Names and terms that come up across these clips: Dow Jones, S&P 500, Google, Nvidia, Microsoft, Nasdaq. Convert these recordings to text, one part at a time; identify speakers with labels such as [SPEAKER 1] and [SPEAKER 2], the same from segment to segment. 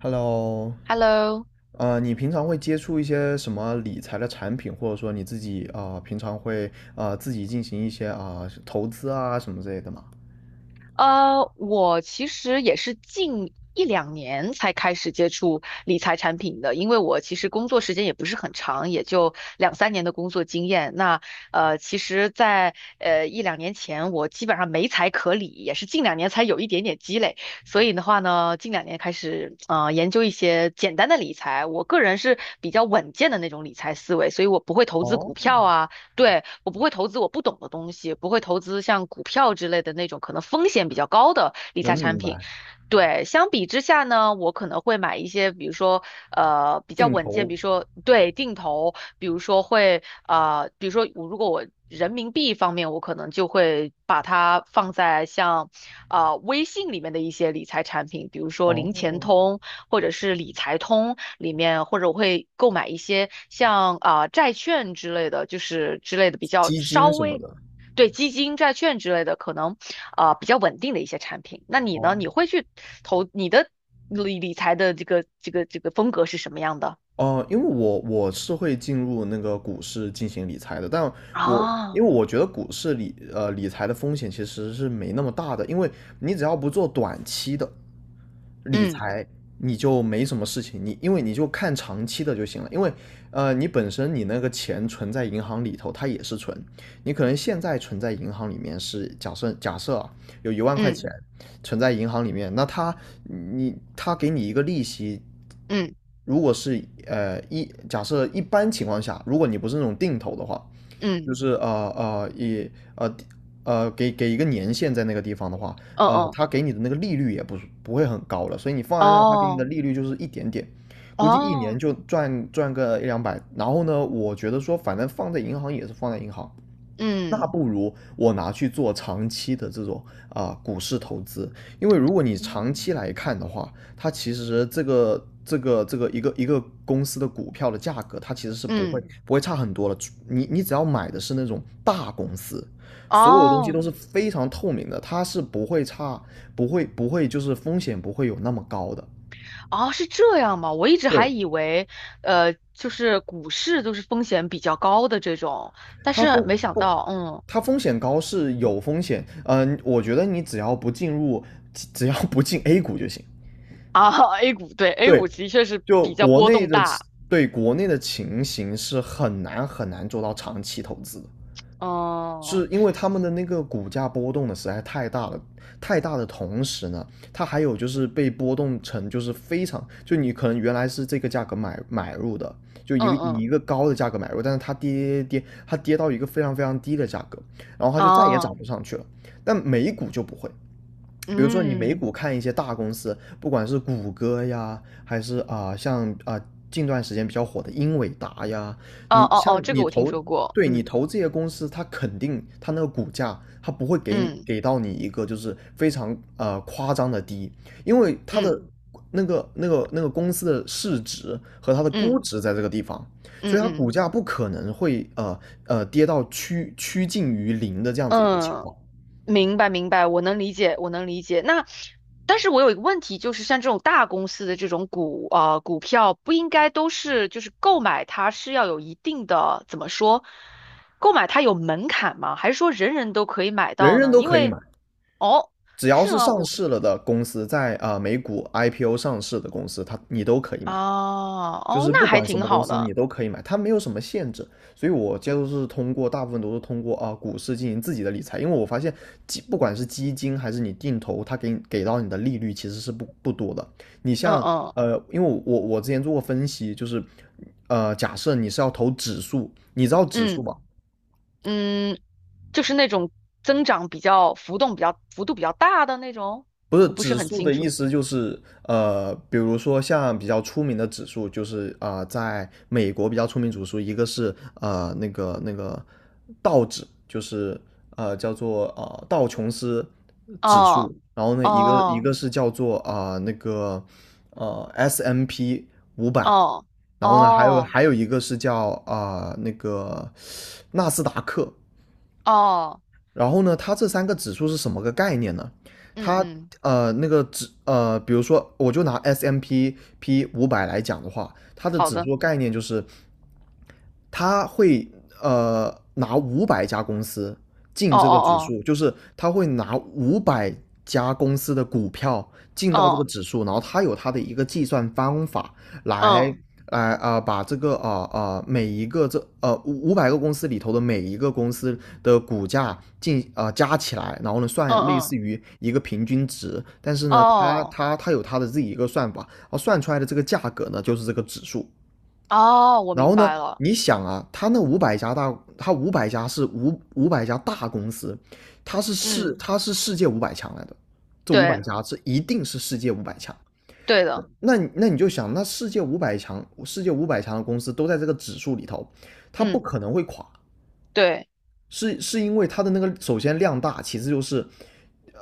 [SPEAKER 1] Hello，
[SPEAKER 2] Hello。
[SPEAKER 1] 你平常会接触一些什么理财的产品，或者说你自己啊，平常会啊，自己进行一些啊，投资啊什么之类的吗？
[SPEAKER 2] 我其实也是近一两年才开始接触理财产品的，因为我其实工作时间也不是很长，也就两三年的工作经验。那其实在，一两年前，我基本上没财可理，也是近两年才有一点点积累。所以的话呢，近两年开始研究一些简单的理财。我个人是比较稳健的那种理财思维，所以我不会投资
[SPEAKER 1] 哦。
[SPEAKER 2] 股票啊。对，我不会投资我不懂的东西，不会投资像股票之类的那种可能风险比较高的理
[SPEAKER 1] 能
[SPEAKER 2] 财产
[SPEAKER 1] 明
[SPEAKER 2] 品。
[SPEAKER 1] 白。
[SPEAKER 2] 对，相比之下呢，我可能会买一些，比如说比较
[SPEAKER 1] 定
[SPEAKER 2] 稳健，
[SPEAKER 1] 投。
[SPEAKER 2] 比如说对定投，比如说比如说如果我人民币方面，我可能就会把它放在像微信里面的一些理财产品，比如说零钱
[SPEAKER 1] 哦，
[SPEAKER 2] 通或者是理财通里面，或者我会购买一些像债券之类的，就是之类的比较
[SPEAKER 1] 基
[SPEAKER 2] 稍
[SPEAKER 1] 金什么
[SPEAKER 2] 微
[SPEAKER 1] 的。
[SPEAKER 2] 对基金、债券之类的可能比较稳定的一些产品。那你呢？
[SPEAKER 1] 哦。
[SPEAKER 2] 你会去投你的理财的这个风格是什么样的？
[SPEAKER 1] 哦，因为我是会进入那个股市进行理财的，但我因
[SPEAKER 2] 啊，
[SPEAKER 1] 为我觉得股市理财的风险其实是没那么大的，因为你只要不做短期的理
[SPEAKER 2] 嗯
[SPEAKER 1] 财，你就没什么事情，你因为你就看长期的就行了，因为你本身你那个钱存在银行里头，它也是存，你可能现在存在银行里面是假设啊有一万块钱，
[SPEAKER 2] 嗯
[SPEAKER 1] 存在银行里面，那他给你一个利息，
[SPEAKER 2] 嗯
[SPEAKER 1] 如果是假设一般情况下，如果你不是那种定投的话，
[SPEAKER 2] 嗯嗯
[SPEAKER 1] 就是呃呃一呃呃呃给一个年限在那个地方的话，
[SPEAKER 2] 嗯，
[SPEAKER 1] 他给你的那个利率也不是不会很高了，所以你放在那，他给你的
[SPEAKER 2] 哦
[SPEAKER 1] 利率就是一点点，估计一年
[SPEAKER 2] 哦，
[SPEAKER 1] 就赚个一两百。然后呢，我觉得说反正放在银行也是放在银行，那
[SPEAKER 2] 嗯
[SPEAKER 1] 不如我拿去做长期的这种股市投资，因为如果你长
[SPEAKER 2] 嗯
[SPEAKER 1] 期来看的话，它其实这个一个公司的股票的价格，它其实是不会
[SPEAKER 2] 嗯
[SPEAKER 1] 不会差很多了。你只要买的是那种大公司，所有东西都
[SPEAKER 2] 哦。
[SPEAKER 1] 是非常透明的，它是不会差，不会就是风险不会有那么高的。
[SPEAKER 2] 哦，是这样吗？我一直还
[SPEAKER 1] 对，
[SPEAKER 2] 以为，就是股市都是风险比较高的这种，但
[SPEAKER 1] 它
[SPEAKER 2] 是
[SPEAKER 1] 风
[SPEAKER 2] 没想
[SPEAKER 1] 风
[SPEAKER 2] 到，嗯，
[SPEAKER 1] 它风险高是有风险，我觉得你只要不进入，只要不进 A 股就行。
[SPEAKER 2] 啊 ，A 股对 A
[SPEAKER 1] 对，
[SPEAKER 2] 股的确是
[SPEAKER 1] 就
[SPEAKER 2] 比较
[SPEAKER 1] 国
[SPEAKER 2] 波
[SPEAKER 1] 内
[SPEAKER 2] 动
[SPEAKER 1] 的
[SPEAKER 2] 大，
[SPEAKER 1] 对国内的情形是很难很难做到长期投资的，
[SPEAKER 2] 哦，
[SPEAKER 1] 是因为他们的那个股价波动的实在太大了，太大的同时呢，它还有就是被波动成就是非常，就你可能原来是这个价格买入的，就一
[SPEAKER 2] 嗯
[SPEAKER 1] 个以
[SPEAKER 2] 嗯，
[SPEAKER 1] 一个高的价格买入，但是它跌跌跌，它跌到一个非常非常低的价格，然后它就再也
[SPEAKER 2] 啊，
[SPEAKER 1] 涨不上去了。但美股就不会，比如说你美
[SPEAKER 2] 嗯，
[SPEAKER 1] 股看一些大公司，不管是谷歌呀，还是像近段时间比较火的英伟达呀，
[SPEAKER 2] 哦
[SPEAKER 1] 你
[SPEAKER 2] 哦
[SPEAKER 1] 像
[SPEAKER 2] 哦，这个
[SPEAKER 1] 你
[SPEAKER 2] 我听
[SPEAKER 1] 投，
[SPEAKER 2] 说过，
[SPEAKER 1] 对你
[SPEAKER 2] 嗯
[SPEAKER 1] 投这些公司，它肯定它那个股价，它不会给你
[SPEAKER 2] 嗯
[SPEAKER 1] 给到你一个就是非常夸张的低，因为它的
[SPEAKER 2] 嗯
[SPEAKER 1] 那个公司的市值和它的估
[SPEAKER 2] 嗯
[SPEAKER 1] 值在这个地方，所
[SPEAKER 2] 嗯
[SPEAKER 1] 以它股
[SPEAKER 2] 嗯
[SPEAKER 1] 价不可能会跌到趋近于零的这样子一个情
[SPEAKER 2] 嗯，
[SPEAKER 1] 况。
[SPEAKER 2] 明白，明白，我能理解，我能理解。那，但是我有一个问题，就是像这种大公司的这种股票，不应该都是就是购买它是要有一定的怎么说，购买它有门槛吗？还是说人人都可以买
[SPEAKER 1] 人
[SPEAKER 2] 到
[SPEAKER 1] 人
[SPEAKER 2] 呢？
[SPEAKER 1] 都
[SPEAKER 2] 因
[SPEAKER 1] 可以买。
[SPEAKER 2] 为哦，
[SPEAKER 1] 只要
[SPEAKER 2] 是
[SPEAKER 1] 是
[SPEAKER 2] 吗？
[SPEAKER 1] 上
[SPEAKER 2] 我
[SPEAKER 1] 市了的公司，在美股 IPO 上市的公司，它你都可以
[SPEAKER 2] 啊，
[SPEAKER 1] 买，就
[SPEAKER 2] 哦，
[SPEAKER 1] 是不
[SPEAKER 2] 那还
[SPEAKER 1] 管什
[SPEAKER 2] 挺
[SPEAKER 1] 么公
[SPEAKER 2] 好
[SPEAKER 1] 司你
[SPEAKER 2] 的。
[SPEAKER 1] 都可以买，它没有什么限制。所以我接触是通过大部分都是通过股市进行自己的理财，因为我发现不管是基金还是你定投，它给你给到你的利率其实是不多的。你
[SPEAKER 2] 嗯
[SPEAKER 1] 像
[SPEAKER 2] 嗯
[SPEAKER 1] 因为我之前做过分析，就是假设你是要投指数，你知道指数
[SPEAKER 2] 嗯
[SPEAKER 1] 吧？
[SPEAKER 2] 嗯，就是那种增长比较浮动比较幅度比较大的那种，
[SPEAKER 1] 不是
[SPEAKER 2] 我不是
[SPEAKER 1] 指
[SPEAKER 2] 很
[SPEAKER 1] 数
[SPEAKER 2] 清
[SPEAKER 1] 的意
[SPEAKER 2] 楚。
[SPEAKER 1] 思，就是比如说像比较出名的指数，就是在美国比较出名指数，一个是那个道指，就是叫做道琼斯指
[SPEAKER 2] 哦
[SPEAKER 1] 数，然后呢一个一
[SPEAKER 2] 哦。
[SPEAKER 1] 个是叫做S M P 五百，
[SPEAKER 2] 哦
[SPEAKER 1] 然后呢还有
[SPEAKER 2] 哦
[SPEAKER 1] 还有一个是叫纳斯达克，
[SPEAKER 2] 哦，
[SPEAKER 1] 然后呢，它这三个指数是什么个概念呢？
[SPEAKER 2] 嗯
[SPEAKER 1] 它
[SPEAKER 2] 嗯，
[SPEAKER 1] 呃那个指呃，比如说我就拿 S M P P 五百来讲的话，它的
[SPEAKER 2] 好
[SPEAKER 1] 指
[SPEAKER 2] 的，
[SPEAKER 1] 数概念就是他会拿五百家公司进
[SPEAKER 2] 哦
[SPEAKER 1] 这个指
[SPEAKER 2] 哦
[SPEAKER 1] 数，就是他会拿五百家公司的股票进
[SPEAKER 2] 哦，
[SPEAKER 1] 到这个
[SPEAKER 2] 哦
[SPEAKER 1] 指数，然后他有他的一个计算方法来
[SPEAKER 2] 嗯
[SPEAKER 1] 来把这个每一个五百个公司里头的每一个公司的股价加起来，然后呢算
[SPEAKER 2] 嗯
[SPEAKER 1] 类
[SPEAKER 2] 嗯，
[SPEAKER 1] 似于一个平均值，但是呢他
[SPEAKER 2] 哦
[SPEAKER 1] 他他有他的自己一个算法，然后算出来的这个价格呢就是这个指数。
[SPEAKER 2] 哦，我
[SPEAKER 1] 然
[SPEAKER 2] 明
[SPEAKER 1] 后呢，
[SPEAKER 2] 白了，
[SPEAKER 1] 你想啊，他那五百家大，他五百家是五百家大公司，
[SPEAKER 2] 嗯，
[SPEAKER 1] 他是世界五百强来的，这五百
[SPEAKER 2] 对
[SPEAKER 1] 家这一定是世界五百强。
[SPEAKER 2] 对的，
[SPEAKER 1] 那你那你就想，那世界五百强，世界五百强的公司都在这个指数里头，它不
[SPEAKER 2] 嗯
[SPEAKER 1] 可能会垮。
[SPEAKER 2] 对，
[SPEAKER 1] 是因为它的那个首先量大，其次就是，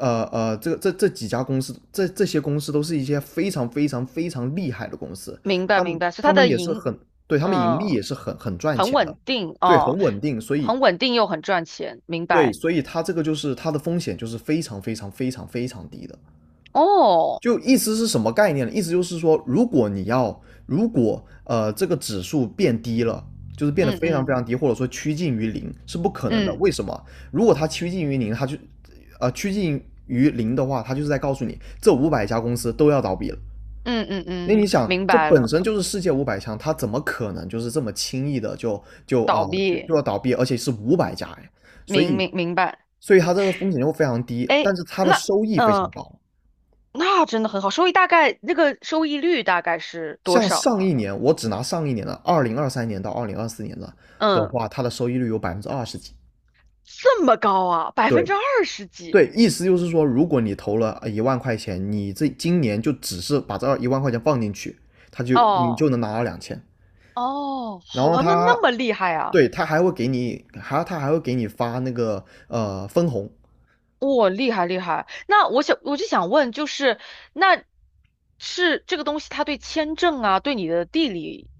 [SPEAKER 1] 这几家公司，这些公司都是一些非常非常非常厉害的公司，
[SPEAKER 2] 明白
[SPEAKER 1] 他们
[SPEAKER 2] 明白，所以
[SPEAKER 1] 他
[SPEAKER 2] 它
[SPEAKER 1] 们
[SPEAKER 2] 的
[SPEAKER 1] 也是
[SPEAKER 2] 盈，
[SPEAKER 1] 很，对，他们盈利
[SPEAKER 2] 嗯，
[SPEAKER 1] 也是很很赚
[SPEAKER 2] 很
[SPEAKER 1] 钱的，
[SPEAKER 2] 稳定
[SPEAKER 1] 对，很
[SPEAKER 2] 哦，
[SPEAKER 1] 稳定，所以
[SPEAKER 2] 很稳定又很赚钱，明
[SPEAKER 1] 对，
[SPEAKER 2] 白
[SPEAKER 1] 所以它这个就是它的风险就是非常非常非常非常低的，
[SPEAKER 2] 哦，
[SPEAKER 1] 就意思是什么概念呢？意思就是说，如果你要，如果这个指数变低了，就是变得
[SPEAKER 2] 嗯
[SPEAKER 1] 非常非
[SPEAKER 2] 嗯
[SPEAKER 1] 常低，或者说趋近于零，是不可能的。
[SPEAKER 2] 嗯
[SPEAKER 1] 为什么？如果它趋近于零，它就趋近于零的话，它就是在告诉你，这五百家公司都要倒闭了。
[SPEAKER 2] 嗯嗯
[SPEAKER 1] 那
[SPEAKER 2] 嗯，
[SPEAKER 1] 你想，
[SPEAKER 2] 明
[SPEAKER 1] 这
[SPEAKER 2] 白
[SPEAKER 1] 本
[SPEAKER 2] 了，
[SPEAKER 1] 身就是世界五百强，它怎么可能就是这么轻易的就就啊、
[SPEAKER 2] 倒
[SPEAKER 1] 呃就就
[SPEAKER 2] 闭，
[SPEAKER 1] 要倒闭？而且是五百家哎，所以
[SPEAKER 2] 明白，
[SPEAKER 1] 所以它这个风险就非常低，但
[SPEAKER 2] 哎，
[SPEAKER 1] 是它的
[SPEAKER 2] 那
[SPEAKER 1] 收益非
[SPEAKER 2] 嗯。
[SPEAKER 1] 常高。
[SPEAKER 2] 那真的很好，收益大概那个收益率大概是多
[SPEAKER 1] 像
[SPEAKER 2] 少
[SPEAKER 1] 上一
[SPEAKER 2] 啊？
[SPEAKER 1] 年，我只拿上一年的2023年到二零二四年的的
[SPEAKER 2] 嗯，
[SPEAKER 1] 话，它的收益率有百分之二十几。
[SPEAKER 2] 这么高啊，百分
[SPEAKER 1] 对
[SPEAKER 2] 之二十
[SPEAKER 1] 对，
[SPEAKER 2] 几
[SPEAKER 1] 意思就是说，如果你投了一万块钱，你这今年就只是把这一万块钱放进去，它就你
[SPEAKER 2] 哦
[SPEAKER 1] 就能拿到2000。
[SPEAKER 2] 哦，
[SPEAKER 1] 然
[SPEAKER 2] 好
[SPEAKER 1] 后
[SPEAKER 2] 玩的
[SPEAKER 1] 它，
[SPEAKER 2] 那么厉害啊，
[SPEAKER 1] 对，它还会给你，还它还会给你发那个分红，
[SPEAKER 2] 哇、厉害厉害。那我就想问，就是那是这个东西，它对签证啊，对你的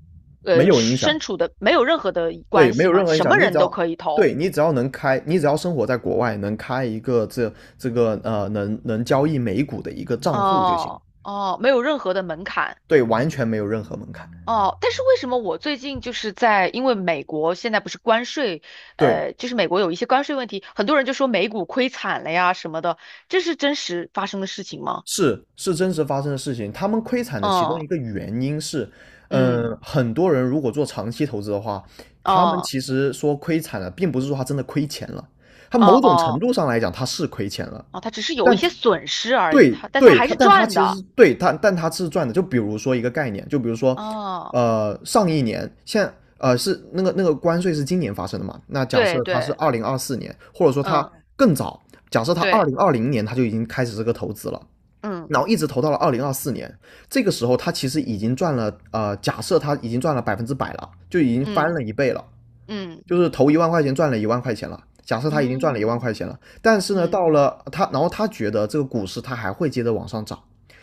[SPEAKER 1] 没有影响，
[SPEAKER 2] 身处的没有任何的
[SPEAKER 1] 对，
[SPEAKER 2] 关
[SPEAKER 1] 没
[SPEAKER 2] 系
[SPEAKER 1] 有任
[SPEAKER 2] 吗？
[SPEAKER 1] 何影
[SPEAKER 2] 什么
[SPEAKER 1] 响，你只
[SPEAKER 2] 人都
[SPEAKER 1] 要。
[SPEAKER 2] 可以
[SPEAKER 1] 对
[SPEAKER 2] 投
[SPEAKER 1] 你只要能开，你只要生活在国外，能开一个这能能交易美股的一个账户就行。
[SPEAKER 2] 哦哦，没有任何的门槛。
[SPEAKER 1] 对，完全没有任何门槛。
[SPEAKER 2] 哦，但是为什么我最近就是在，因为美国现在不是关税，
[SPEAKER 1] 对，
[SPEAKER 2] 就是美国有一些关税问题，很多人就说美股亏惨了呀什么的，这是真实发生的事情吗？
[SPEAKER 1] 是真实发生的事情。他们亏惨的其中
[SPEAKER 2] 嗯
[SPEAKER 1] 一个原因是，
[SPEAKER 2] 嗯，
[SPEAKER 1] 很多人如果做长期投资的话，他们
[SPEAKER 2] 哦
[SPEAKER 1] 其实说亏惨了，并不是说他真的亏钱了，他
[SPEAKER 2] 哦
[SPEAKER 1] 某种程
[SPEAKER 2] 哦
[SPEAKER 1] 度上来讲他是亏钱了，
[SPEAKER 2] 哦，它只是有一
[SPEAKER 1] 但
[SPEAKER 2] 些损失而已，
[SPEAKER 1] 对
[SPEAKER 2] 它但它
[SPEAKER 1] 对，
[SPEAKER 2] 还
[SPEAKER 1] 它
[SPEAKER 2] 是
[SPEAKER 1] 但它
[SPEAKER 2] 赚
[SPEAKER 1] 其实是
[SPEAKER 2] 的。
[SPEAKER 1] 对它，但它是赚的。就比如说一个概念，就比如说，
[SPEAKER 2] 哦，
[SPEAKER 1] 上一年是那个关税是今年发生的嘛？那假设
[SPEAKER 2] 对
[SPEAKER 1] 它是
[SPEAKER 2] 对，
[SPEAKER 1] 二零二四年，或者说它
[SPEAKER 2] 嗯
[SPEAKER 1] 更早，假设它二
[SPEAKER 2] 对，
[SPEAKER 1] 零二零年它就已经开始这个投资了，
[SPEAKER 2] 嗯
[SPEAKER 1] 然后一直投到了二零二四年，这个时候它其实已经赚了假设它已经赚了100%了，就已经翻
[SPEAKER 2] 嗯
[SPEAKER 1] 了一倍了。
[SPEAKER 2] 嗯
[SPEAKER 1] 就是投一万块钱赚了一万块钱了。假设他已经赚了一
[SPEAKER 2] 嗯
[SPEAKER 1] 万块钱了，但是呢，
[SPEAKER 2] 嗯
[SPEAKER 1] 到了他，然后他觉得这个股市他还会接着往上涨，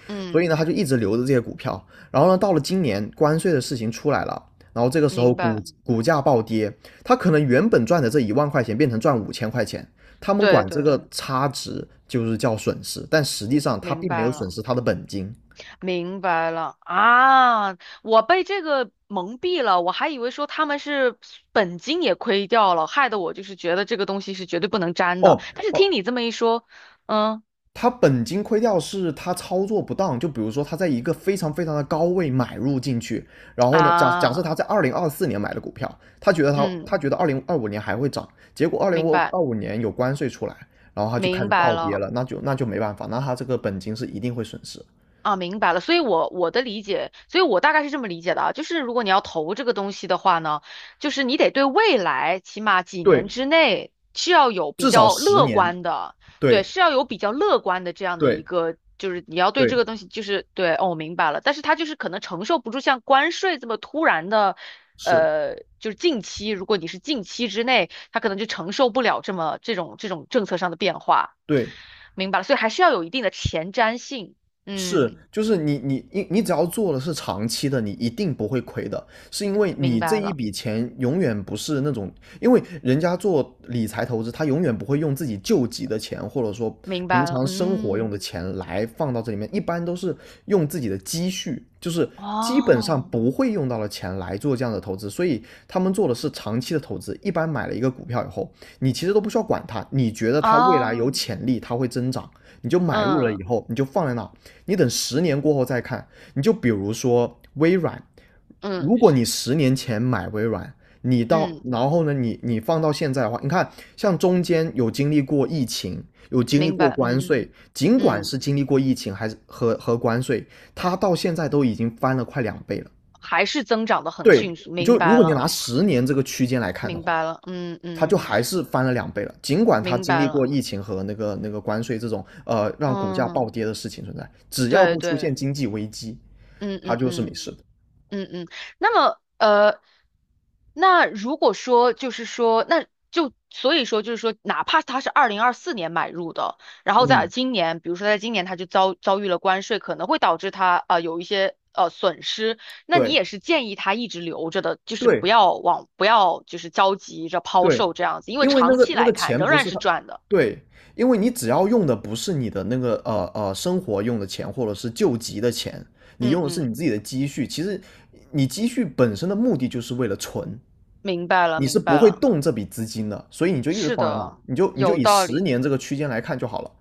[SPEAKER 2] 嗯，
[SPEAKER 1] 所
[SPEAKER 2] 嗯
[SPEAKER 1] 以呢，他就一直留着这些股票。然后呢，到了今年关税的事情出来了，然后这个时候
[SPEAKER 2] 明
[SPEAKER 1] 股
[SPEAKER 2] 白，
[SPEAKER 1] 股价暴跌，他可能原本赚的这1万块钱变成赚5000块钱，他们
[SPEAKER 2] 对
[SPEAKER 1] 管这
[SPEAKER 2] 对，
[SPEAKER 1] 个差值就是叫损失，但实际上他
[SPEAKER 2] 明
[SPEAKER 1] 并没
[SPEAKER 2] 白
[SPEAKER 1] 有损
[SPEAKER 2] 了。
[SPEAKER 1] 失他的本金。
[SPEAKER 2] 明白了啊，我被这个蒙蔽了，我还以为说他们是本金也亏掉了，害得我就是觉得这个东西是绝对不能沾的。
[SPEAKER 1] 哦
[SPEAKER 2] 但是
[SPEAKER 1] 哦，
[SPEAKER 2] 听你这么一说，嗯
[SPEAKER 1] 他本金亏掉是他操作不当，就比如说他在一个非常非常的高位买入进去，然后呢，假设他
[SPEAKER 2] 啊，
[SPEAKER 1] 在2024年买的股票，他觉得他
[SPEAKER 2] 嗯，
[SPEAKER 1] 他觉得二零二五年还会涨，结果二零
[SPEAKER 2] 明白
[SPEAKER 1] 二五年有关税出来，然后他就开
[SPEAKER 2] 明
[SPEAKER 1] 始
[SPEAKER 2] 白
[SPEAKER 1] 暴跌
[SPEAKER 2] 了。
[SPEAKER 1] 了，那就没办法，那他这个本金是一定会损失。
[SPEAKER 2] 啊，明白了，所以我的理解，所以我大概是这么理解的啊，就是如果你要投这个东西的话呢，就是你得对未来起码几年
[SPEAKER 1] 对，
[SPEAKER 2] 之内是要有比
[SPEAKER 1] 至少
[SPEAKER 2] 较
[SPEAKER 1] 十
[SPEAKER 2] 乐
[SPEAKER 1] 年。
[SPEAKER 2] 观的，对，
[SPEAKER 1] 对
[SPEAKER 2] 是要有比较乐观的这样的一
[SPEAKER 1] 对
[SPEAKER 2] 个，就是你要对这
[SPEAKER 1] 对，
[SPEAKER 2] 个东西就是对，哦，我明白了，但是它就是可能承受不住像关税这么突然的，
[SPEAKER 1] 是，
[SPEAKER 2] 就是近期，如果你是近期之内，它可能就承受不了这种政策上的变化，
[SPEAKER 1] 对
[SPEAKER 2] 明白了，所以还是要有一定的前瞻性，
[SPEAKER 1] 是，
[SPEAKER 2] 嗯。
[SPEAKER 1] 就是你只要做的是长期的，你一定不会亏的，是因为
[SPEAKER 2] 明
[SPEAKER 1] 你这
[SPEAKER 2] 白
[SPEAKER 1] 一
[SPEAKER 2] 了，
[SPEAKER 1] 笔钱永远不是那种，因为人家做理财投资，他永远不会用自己救急的钱，或者说
[SPEAKER 2] 明
[SPEAKER 1] 平
[SPEAKER 2] 白了，
[SPEAKER 1] 常生活用的
[SPEAKER 2] 嗯，
[SPEAKER 1] 钱来放到这里面，一般都是用自己的积蓄，就是基本上
[SPEAKER 2] 哦，
[SPEAKER 1] 不会用到的钱来做这样的投资，所以他们做的是长期的投资。一般买了一个股票以后，你其实都不需要管它，你觉得它未来有
[SPEAKER 2] 哦，
[SPEAKER 1] 潜力，它会增长，你就买入了
[SPEAKER 2] 嗯
[SPEAKER 1] 以后，你就放在那，你等十年过后再看，你就比如说微软，
[SPEAKER 2] 嗯
[SPEAKER 1] 如果你10年前买微软，你到
[SPEAKER 2] 嗯，
[SPEAKER 1] 然后呢，你放到现在的话，你看像中间有经历过疫情，有经历
[SPEAKER 2] 明
[SPEAKER 1] 过
[SPEAKER 2] 白，
[SPEAKER 1] 关
[SPEAKER 2] 嗯
[SPEAKER 1] 税，尽管
[SPEAKER 2] 嗯，
[SPEAKER 1] 是经历过疫情还是和关税，它到现在都已经翻了快两倍了。
[SPEAKER 2] 还是增长的很
[SPEAKER 1] 对，
[SPEAKER 2] 迅速，
[SPEAKER 1] 你
[SPEAKER 2] 明
[SPEAKER 1] 就如
[SPEAKER 2] 白
[SPEAKER 1] 果你
[SPEAKER 2] 了，
[SPEAKER 1] 拿十年这个区间来看的
[SPEAKER 2] 明
[SPEAKER 1] 话，
[SPEAKER 2] 白了，嗯
[SPEAKER 1] 它
[SPEAKER 2] 嗯，
[SPEAKER 1] 就还是翻了两倍了。尽管它
[SPEAKER 2] 明
[SPEAKER 1] 经
[SPEAKER 2] 白
[SPEAKER 1] 历过
[SPEAKER 2] 了，
[SPEAKER 1] 疫情和那个关税这种让股价
[SPEAKER 2] 嗯，
[SPEAKER 1] 暴跌的事情存在，只要
[SPEAKER 2] 对
[SPEAKER 1] 不出
[SPEAKER 2] 对，
[SPEAKER 1] 现经济危机，
[SPEAKER 2] 嗯
[SPEAKER 1] 它
[SPEAKER 2] 嗯
[SPEAKER 1] 就是没
[SPEAKER 2] 嗯。
[SPEAKER 1] 事的。
[SPEAKER 2] 嗯嗯，那么那如果说就是说，那就所以说就是说，哪怕他是2024年买入的，然后在
[SPEAKER 1] 嗯，
[SPEAKER 2] 今年，比如说在今年他就遭遇了关税，可能会导致他有一些损失，那你
[SPEAKER 1] 对
[SPEAKER 2] 也是建议他一直留着的，就是不
[SPEAKER 1] 对
[SPEAKER 2] 要往不要就是着急着抛
[SPEAKER 1] 对，
[SPEAKER 2] 售这样子，因为
[SPEAKER 1] 因为那
[SPEAKER 2] 长
[SPEAKER 1] 个
[SPEAKER 2] 期
[SPEAKER 1] 那
[SPEAKER 2] 来
[SPEAKER 1] 个
[SPEAKER 2] 看
[SPEAKER 1] 钱
[SPEAKER 2] 仍
[SPEAKER 1] 不
[SPEAKER 2] 然
[SPEAKER 1] 是
[SPEAKER 2] 是
[SPEAKER 1] 他，
[SPEAKER 2] 赚的。
[SPEAKER 1] 对，因为你只要用的不是你的那个生活用的钱或者是救急的钱，你
[SPEAKER 2] 嗯
[SPEAKER 1] 用的是
[SPEAKER 2] 嗯，
[SPEAKER 1] 你自己的积蓄。其实你积蓄本身的目的就是为了存，
[SPEAKER 2] 明白了
[SPEAKER 1] 你是
[SPEAKER 2] 明
[SPEAKER 1] 不
[SPEAKER 2] 白
[SPEAKER 1] 会
[SPEAKER 2] 了，
[SPEAKER 1] 动这笔资金的，所以你就一直
[SPEAKER 2] 是
[SPEAKER 1] 放在那，
[SPEAKER 2] 的，
[SPEAKER 1] 你就
[SPEAKER 2] 有
[SPEAKER 1] 以
[SPEAKER 2] 道
[SPEAKER 1] 十
[SPEAKER 2] 理。
[SPEAKER 1] 年这个区间来看就好了。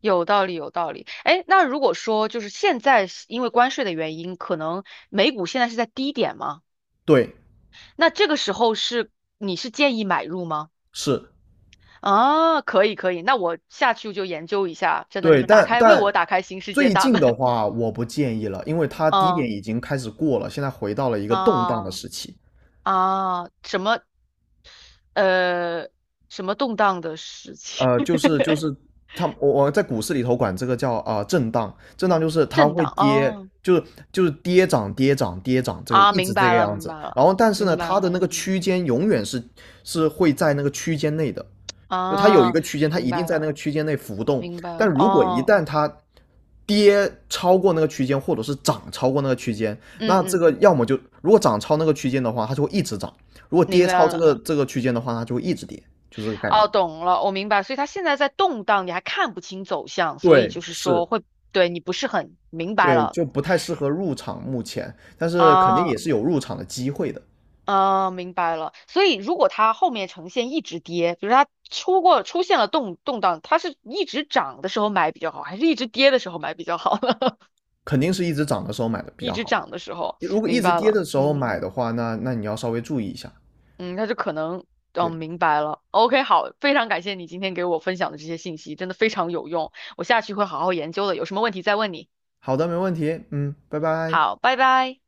[SPEAKER 2] 有道理，有道理。哎，那如果说就是现在是因为关税的原因，可能美股现在是在低点吗？
[SPEAKER 1] 对，
[SPEAKER 2] 那这个时候是你是建议买入吗？
[SPEAKER 1] 是，
[SPEAKER 2] 啊，可以可以，那我下去就研究一下。真的，
[SPEAKER 1] 对，
[SPEAKER 2] 你打
[SPEAKER 1] 但
[SPEAKER 2] 开为
[SPEAKER 1] 但
[SPEAKER 2] 我打开新世界
[SPEAKER 1] 最
[SPEAKER 2] 大
[SPEAKER 1] 近
[SPEAKER 2] 门。
[SPEAKER 1] 的 话，我不建议了，因为它低点
[SPEAKER 2] 嗯
[SPEAKER 1] 已经开始过了，现在回到了一个动荡的
[SPEAKER 2] 啊
[SPEAKER 1] 时期。
[SPEAKER 2] 啊，什么呃什么动荡的事情，
[SPEAKER 1] 就是就 是它，我在股市里头管这个叫啊、震荡，震荡就是它
[SPEAKER 2] 震
[SPEAKER 1] 会
[SPEAKER 2] 荡
[SPEAKER 1] 跌，
[SPEAKER 2] 哦
[SPEAKER 1] 就是就是跌涨跌涨跌涨，这个
[SPEAKER 2] 啊，
[SPEAKER 1] 一直
[SPEAKER 2] 明
[SPEAKER 1] 这
[SPEAKER 2] 白
[SPEAKER 1] 个
[SPEAKER 2] 了
[SPEAKER 1] 样
[SPEAKER 2] 明
[SPEAKER 1] 子。
[SPEAKER 2] 白
[SPEAKER 1] 然
[SPEAKER 2] 了
[SPEAKER 1] 后但是呢，
[SPEAKER 2] 明白
[SPEAKER 1] 它
[SPEAKER 2] 了，
[SPEAKER 1] 的那个
[SPEAKER 2] 嗯
[SPEAKER 1] 区间永远是会在那个区间内的，就它有一
[SPEAKER 2] 啊
[SPEAKER 1] 个区间，它
[SPEAKER 2] 明
[SPEAKER 1] 一定
[SPEAKER 2] 白
[SPEAKER 1] 在那
[SPEAKER 2] 了
[SPEAKER 1] 个区间内浮动。
[SPEAKER 2] 明白
[SPEAKER 1] 但
[SPEAKER 2] 了
[SPEAKER 1] 如果一
[SPEAKER 2] 哦
[SPEAKER 1] 旦它跌超过那个区间，或者是涨超过那个区间，
[SPEAKER 2] 嗯
[SPEAKER 1] 那这
[SPEAKER 2] 嗯。
[SPEAKER 1] 个要么就如果涨超那个区间的话，它就会一直涨；如果
[SPEAKER 2] 明
[SPEAKER 1] 跌
[SPEAKER 2] 白
[SPEAKER 1] 超这
[SPEAKER 2] 了，
[SPEAKER 1] 个这个区间的话，它就会一直跌，就这个概
[SPEAKER 2] 哦，
[SPEAKER 1] 念。
[SPEAKER 2] 懂了，我明白。所以它现在在动荡，你还看不清走向，所以
[SPEAKER 1] 对，
[SPEAKER 2] 就是
[SPEAKER 1] 是，
[SPEAKER 2] 说会，对，你不是很明白
[SPEAKER 1] 对，
[SPEAKER 2] 了
[SPEAKER 1] 就不太适合入场目前，但是肯定
[SPEAKER 2] 啊
[SPEAKER 1] 也是有入场的机会的，
[SPEAKER 2] 啊，明白了。所以如果它后面呈现一直跌，比如它出现了动荡，它是一直涨的时候买比较好，还是一直跌的时候买比较好呢？
[SPEAKER 1] 肯定是一直涨的时候买的比
[SPEAKER 2] 一
[SPEAKER 1] 较
[SPEAKER 2] 直
[SPEAKER 1] 好。
[SPEAKER 2] 涨的时候，
[SPEAKER 1] 如果一
[SPEAKER 2] 明
[SPEAKER 1] 直
[SPEAKER 2] 白
[SPEAKER 1] 跌
[SPEAKER 2] 了，
[SPEAKER 1] 的时候
[SPEAKER 2] 嗯
[SPEAKER 1] 买的话，那你要稍微注意一下。
[SPEAKER 2] 嗯，那就可能。
[SPEAKER 1] 对，
[SPEAKER 2] 嗯，明白了。OK，好，非常感谢你今天给我分享的这些信息，真的非常有用。我下去会好好研究的，有什么问题再问你。
[SPEAKER 1] 好的，没问题，嗯，拜拜。
[SPEAKER 2] 好，拜拜。